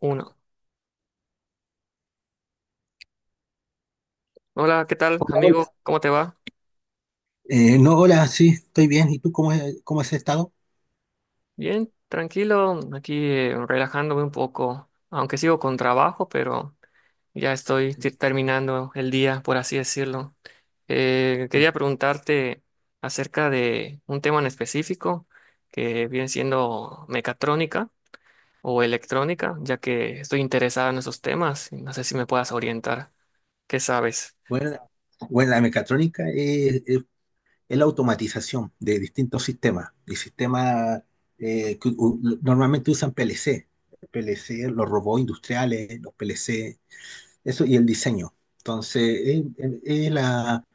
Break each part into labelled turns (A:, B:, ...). A: Uno. Hola, ¿qué tal,
B: Hola.
A: amigo? ¿Cómo te va?
B: No, hola, sí, estoy bien. ¿Y tú cómo, cómo has estado?
A: Bien, tranquilo, aquí relajándome un poco, aunque sigo con trabajo, pero ya estoy terminando el día, por así decirlo. Quería preguntarte acerca de un tema en específico que viene siendo mecatrónica o electrónica, ya que estoy interesado en esos temas y no sé si me puedas orientar. ¿Qué sabes?
B: Bueno, la- bueno, la mecatrónica es la automatización de distintos sistemas, de sistemas que normalmente usan PLC, los robots industriales, los PLC, eso y el diseño. Entonces, es la,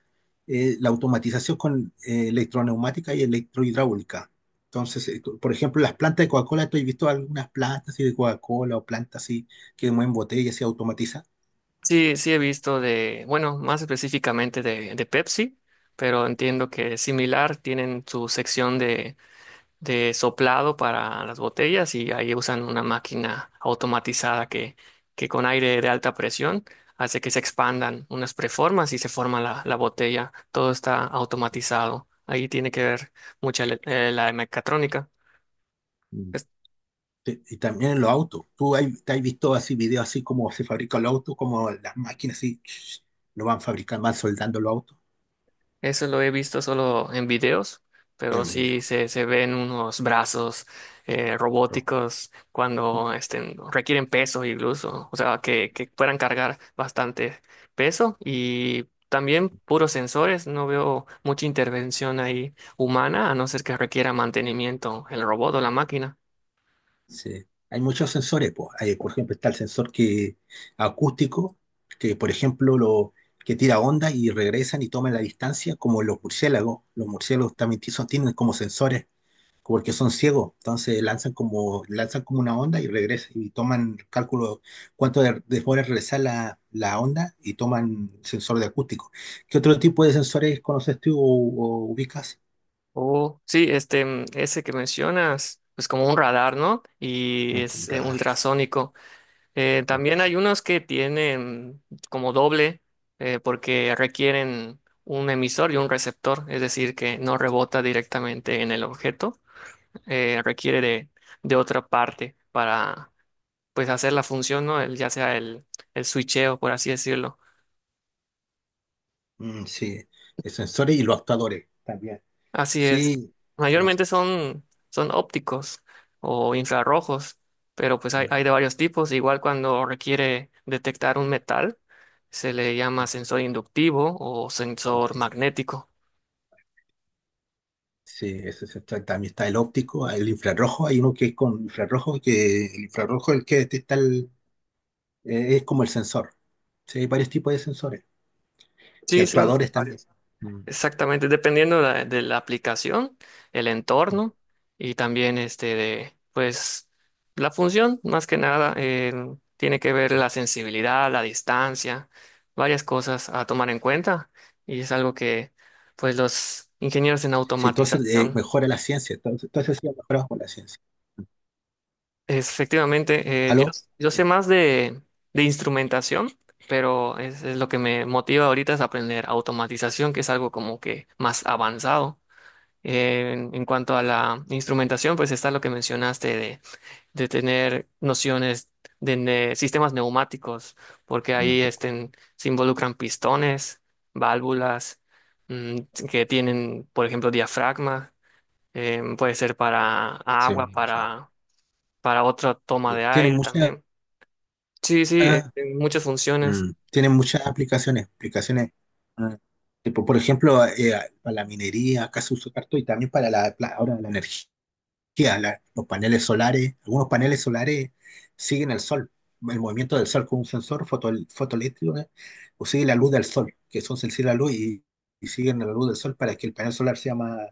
B: la automatización con electroneumática y electrohidráulica. Entonces, por ejemplo, las plantas de Coca-Cola, tú has visto algunas plantas así de Coca-Cola o plantas así que mueven botellas y se automatiza.
A: Sí, sí he visto bueno, más específicamente de Pepsi, pero entiendo que es similar, tienen su sección de soplado para las botellas y ahí usan una máquina automatizada que con aire de alta presión hace que se expandan unas preformas y se forma la botella. Todo está automatizado. Ahí tiene que ver la mecatrónica.
B: Mm. Y también en los autos. Te has visto así videos así como se fabrican los autos, como las máquinas así lo van fabricando, van soldando los autos.
A: Eso lo he visto solo en videos,
B: Es
A: pero
B: un video.
A: sí se ven unos brazos robóticos cuando requieren peso incluso, o sea, que puedan cargar bastante peso y también puros sensores, no veo mucha intervención ahí humana, a no ser que requiera mantenimiento el robot o la máquina.
B: Sí. Hay muchos sensores, po. Hay, por ejemplo, está el acústico, que por ejemplo que tira ondas y regresan y toman la distancia, como los murciélagos. Los murciélagos también tienen como sensores, porque son ciegos. Entonces lanzan como una onda y regresan y toman cálculo cuánto demora en regresar la, la onda y toman sensor de acústico. ¿Qué otro tipo de sensores conoces tú o ubicas?
A: O sí, ese que mencionas, pues como un radar, ¿no? Y
B: Mm, con
A: es
B: radar,
A: ultrasónico.
B: con
A: También hay
B: sensor.
A: unos que tienen como doble porque requieren un emisor y un receptor, es decir, que no rebota directamente en el objeto, requiere de otra parte para pues hacer la función, ¿no? Ya sea el switcheo, por así decirlo.
B: Mm, sí, de sensores y los actuadores también.
A: Así es.
B: Sí, los,
A: Mayormente son, son ópticos o infrarrojos, pero pues hay de varios tipos. Igual cuando requiere detectar un metal, se le llama sensor inductivo o
B: los
A: sensor
B: que-
A: magnético.
B: sí, ese se trata. También está el óptico, el infrarrojo, hay uno que es con infrarrojo, que el infrarrojo es el que detecta es como el sensor. Sí, hay varios tipos de sensores y
A: Sí, son
B: actuadores también.
A: varios.
B: Mm.
A: Exactamente, dependiendo de de la aplicación, el entorno y también de, pues, la función, más que nada, tiene que ver la sensibilidad, la distancia, varias cosas a tomar en cuenta y es algo que, pues, los ingenieros en
B: Sí, entonces
A: automatización,
B: mejora la ciencia, entonces sí, ha mejorado con la ciencia.
A: es, efectivamente,
B: ¿Aló?
A: yo sé
B: Sí,
A: más de instrumentación, pero es lo que me motiva ahorita es aprender automatización, que es algo como que más avanzado. En cuanto a la instrumentación, pues está lo que mencionaste de tener nociones de sistemas neumáticos, porque
B: no
A: ahí
B: te escucho.
A: estén, se involucran pistones, válvulas, mm, que tienen, por ejemplo, diafragma, puede ser para
B: Sí,
A: agua,
B: o sea,
A: para otra toma de
B: tiene
A: aire
B: muchas
A: también. Sí, sí, muchas funciones.
B: mm, tiene muchas aplicaciones, ah, tipo, por ejemplo, para la minería, acá se usa harto, y también para ahora la energía, los paneles solares, algunos paneles solares siguen el sol, el movimiento del sol con un sensor fotoeléctrico, ¿eh? O sigue la luz del sol, que son sensibles a la luz y siguen la luz del sol para que el panel solar sea más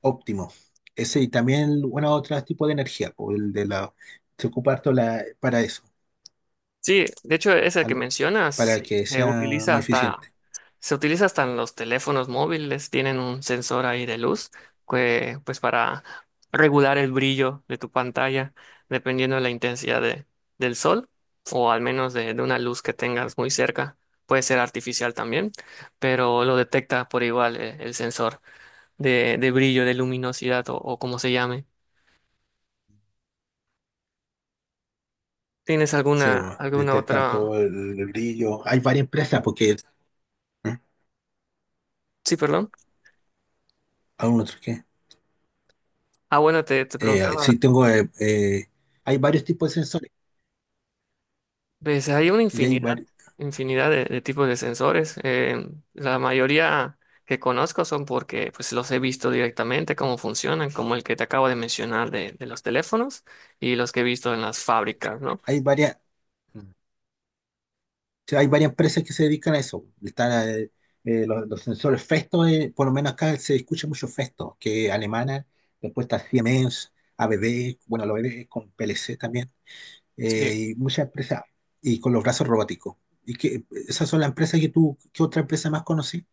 B: óptimo. Ese y también, bueno, otro tipo de energía, o el de la, se ocupa harto la, para eso,
A: Sí, de hecho, ese que
B: ¿aló?
A: mencionas
B: Para que sea más eficiente.
A: se utiliza hasta en los teléfonos móviles, tienen un sensor ahí de luz que, pues para regular el brillo de tu pantalla, dependiendo de la del sol, o al menos de una luz que tengas muy cerca. Puede ser artificial también, pero lo detecta por igual sensor de brillo, de luminosidad o como se llame. ¿Tienes
B: Sí,
A: alguna,
B: bo,
A: alguna
B: detectan
A: otra?
B: todo el brillo. Hay varias empresas porque ¿eh?
A: Sí, perdón.
B: Aún otro qué.
A: Ah, bueno, te
B: Eh,
A: preguntaba.
B: sí, tengo. Hay varios tipos de sensores
A: Pues hay una
B: y hay,
A: infinidad,
B: vari-
A: infinidad de tipos de sensores. La mayoría que conozco son porque pues, los he visto directamente, cómo funcionan, como el que te acabo de mencionar de los teléfonos y los que he visto en las fábricas, ¿no?
B: hay varias. Sí, hay varias empresas que se dedican a eso. Están los sensores Festo, por lo menos acá se escucha mucho Festo, que es alemana, después está Siemens, ABB, bueno, los ABB con PLC también,
A: Sí,
B: y muchas empresas, y con los brazos robóticos. ¿Y que esas son las empresas que tú, qué otra empresa más conocí?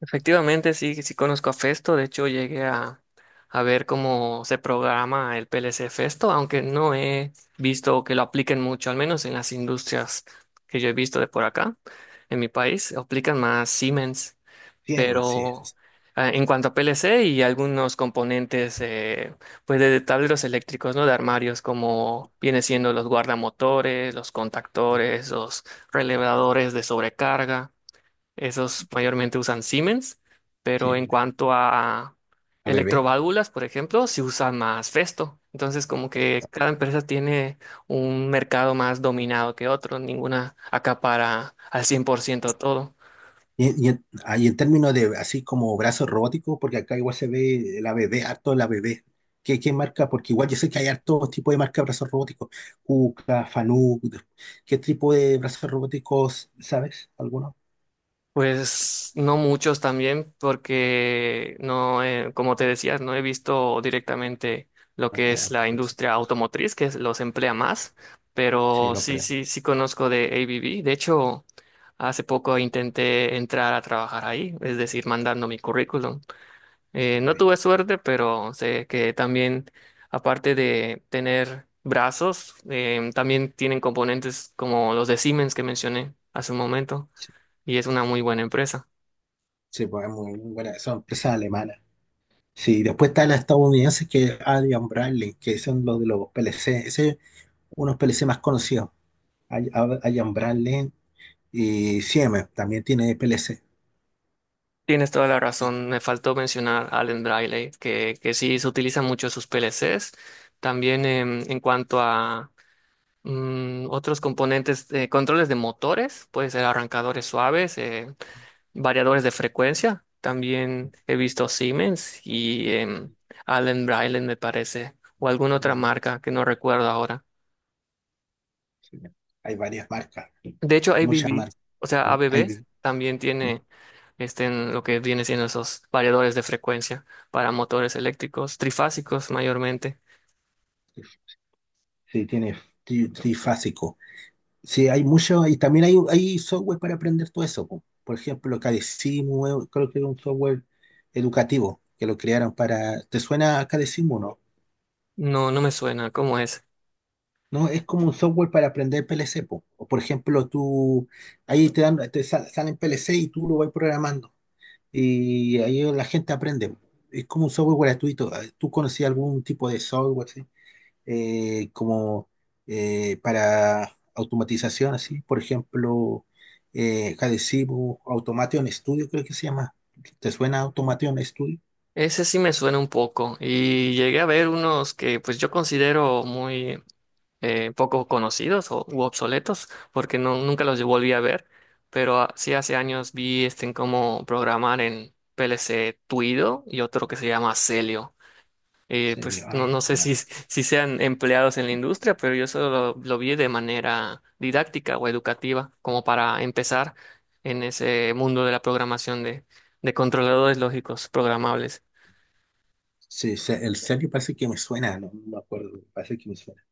A: efectivamente sí, sí conozco a Festo. De hecho, llegué a ver cómo se programa el PLC Festo, aunque no he visto que lo apliquen mucho, al menos en las industrias que yo he visto de por acá, en mi país, aplican más Siemens.
B: Siemens, sí, es-
A: Pero
B: es-
A: ah, en cuanto a PLC y algunos componentes pues de tableros eléctricos, ¿no? De armarios, como viene siendo los guardamotores, los
B: es
A: contactores, los relevadores de sobrecarga, esos mayormente usan Siemens, pero en
B: Siemens,
A: cuanto a
B: ABB.
A: electroválvulas, por ejemplo, se usa más Festo. Entonces, como que cada empresa tiene un mercado más dominado que otro, ninguna acapara al 100% todo.
B: Y en, ah, y en términos de así como brazos robóticos, porque acá igual se ve el ABB, harto el ABB. Qué marca? Porque igual yo sé que hay harto tipo de marca de brazos robóticos. Kuka, Fanuc. ¿Qué tipo de brazos robóticos sabes? ¿Alguno?
A: Pues no muchos también, porque no, como te decía, no he visto directamente lo que es
B: Ah,
A: la
B: pero sí,
A: industria automotriz, los emplea más,
B: sí,
A: pero
B: lo
A: sí,
B: creo.
A: sí, sí conozco de ABB. De hecho, hace poco intenté entrar a trabajar ahí, es decir, mandando mi currículum. No
B: ABB.
A: tuve suerte, pero sé que también, aparte de tener brazos, también tienen componentes como los de Siemens que mencioné hace un momento,
B: Sí,
A: y es una muy buena empresa.
B: sí, pues es muy buena. Son empresas alemanas. Sí, después está las estadounidenses que es Adrian Bradley, que son los de los PLC. Ese es uno de los PLC más conocidos. Hay Ambral y Siemens también tiene PLC.
A: Tienes toda la
B: Y,
A: razón. Me faltó mencionar a Allen Briley, que sí se utilizan mucho sus PLCs. También en cuanto a otros componentes, controles de motores, puede ser arrancadores suaves, variadores de frecuencia. También he visto Siemens y Allen Briley, me parece, o alguna otra
B: bueno,
A: marca que no recuerdo ahora.
B: sí, hay varias marcas,
A: De hecho,
B: muchas
A: ABB,
B: marcas.
A: o sea,
B: ¿Eh? Hay,
A: ABB también tiene en lo que viene siendo esos variadores de frecuencia para motores eléctricos, trifásicos mayormente.
B: sí, tiene trifásico. Sí, hay mucho, y también hay software para aprender todo eso, po. Por ejemplo, Cadecimu, creo que es un software educativo que lo crearon para. ¿Te suena a Cadecimu, no?
A: No, no me suena, ¿cómo es?
B: No, es como un software para aprender PLC, po. O por ejemplo, tú ahí te dan, salen PLC y tú lo vas programando. Y ahí la gente aprende. Es como un software gratuito. Ah, ¿tú conocías algún tipo de software así? Como Para automatización, así. Por ejemplo, Hadesivo, Automation Studio, creo que se llama. ¿Te suena Automation Studio?
A: Ese sí me suena un poco y llegué a ver unos que pues yo considero muy poco conocidos o u obsoletos porque no, nunca los volví a ver, pero ah, sí hace años vi en cómo programar en PLC Tuido y otro que se llama Celio.
B: Serio,
A: Pues
B: ah,
A: no,
B: me
A: no sé
B: suena.
A: si, si sean empleados en la industria, pero yo solo lo vi de manera didáctica o educativa, como para empezar en ese mundo de la programación de controladores lógicos programables.
B: Sí, el serio parece que me suena, no me acuerdo, parece que me suena.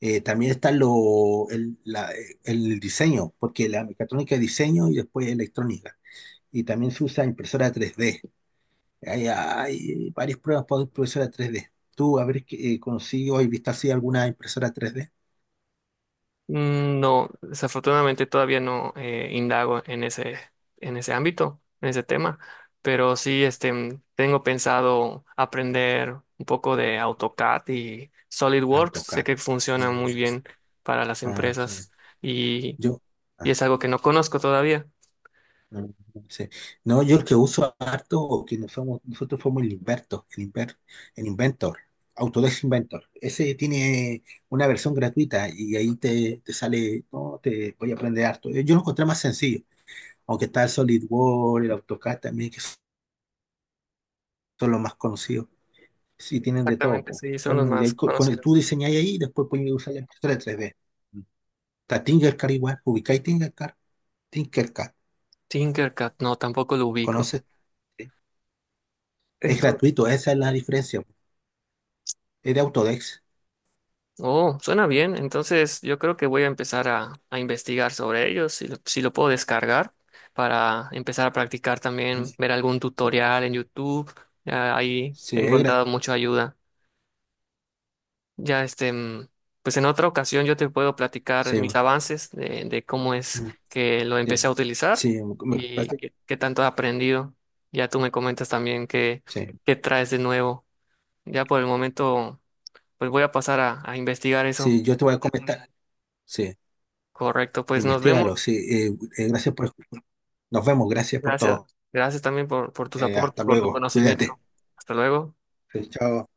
B: También está el diseño, porque la mecatrónica es diseño y después electrónica. Y también se usa impresora 3D. Hay varias pruebas para impresora 3D. Tú, a ver, qué, ¿consigo o viste así alguna impresora 3D?
A: No, desafortunadamente todavía no indago en ese ámbito, en ese tema, pero sí tengo pensado aprender un poco de AutoCAD y SolidWorks. Sé
B: AutoCAD.
A: que funciona
B: Mm,
A: muy bien para las
B: ah, sí.
A: empresas. Y
B: Yo,
A: y
B: ah,
A: es algo que no conozco todavía.
B: mm, sí. No, yo el que uso harto, o que nos fuimos- nosotros fuimos el el Inventor, Autodesk Inventor. Ese tiene una versión gratuita y ahí te, te sale, no, te voy a aprender harto. Yo lo encontré más sencillo, aunque está el SolidWorks, el AutoCAD también, que son los más conocidos. Sí, tienen de todo,
A: Exactamente,
B: po.
A: sí, son los
B: Son de
A: más
B: ahí, tú
A: conocidos.
B: diseñáis ahí y después puedes usar la impresora 3D. Está Tinkercad igual, ubicáis Tinkercad. Tinkercad,
A: Tinkercad, no, tampoco lo ubico.
B: ¿conoces? Sí. Es
A: Esto,
B: gratuito, esa es la diferencia, po. Es de Autodesk.
A: oh, suena bien. Entonces, yo creo que voy a empezar a investigar sobre ellos, si lo puedo descargar para empezar a practicar también, ver algún
B: Sí,
A: tutorial en YouTube. Ah, ahí he
B: sí,
A: encontrado mucha ayuda. Ya pues en otra ocasión yo te puedo platicar
B: sí,
A: mis
B: mm,
A: avances de cómo es que lo empecé
B: sí,
A: a utilizar
B: sí,
A: y qué, qué tanto he aprendido. Ya tú me comentas también qué,
B: sí,
A: qué traes de nuevo. Ya por el momento, pues voy a pasar a investigar eso.
B: sí, yo te voy a comentar. Sí,
A: Correcto, pues nos
B: investigalo.
A: vemos.
B: Sí, gracias por. Nos vemos, gracias por
A: Gracias.
B: todo.
A: Gracias también por tus aportes,
B: Hasta
A: por tu
B: luego,
A: conocimiento.
B: cuídate.
A: Hasta luego.
B: Sí, chao.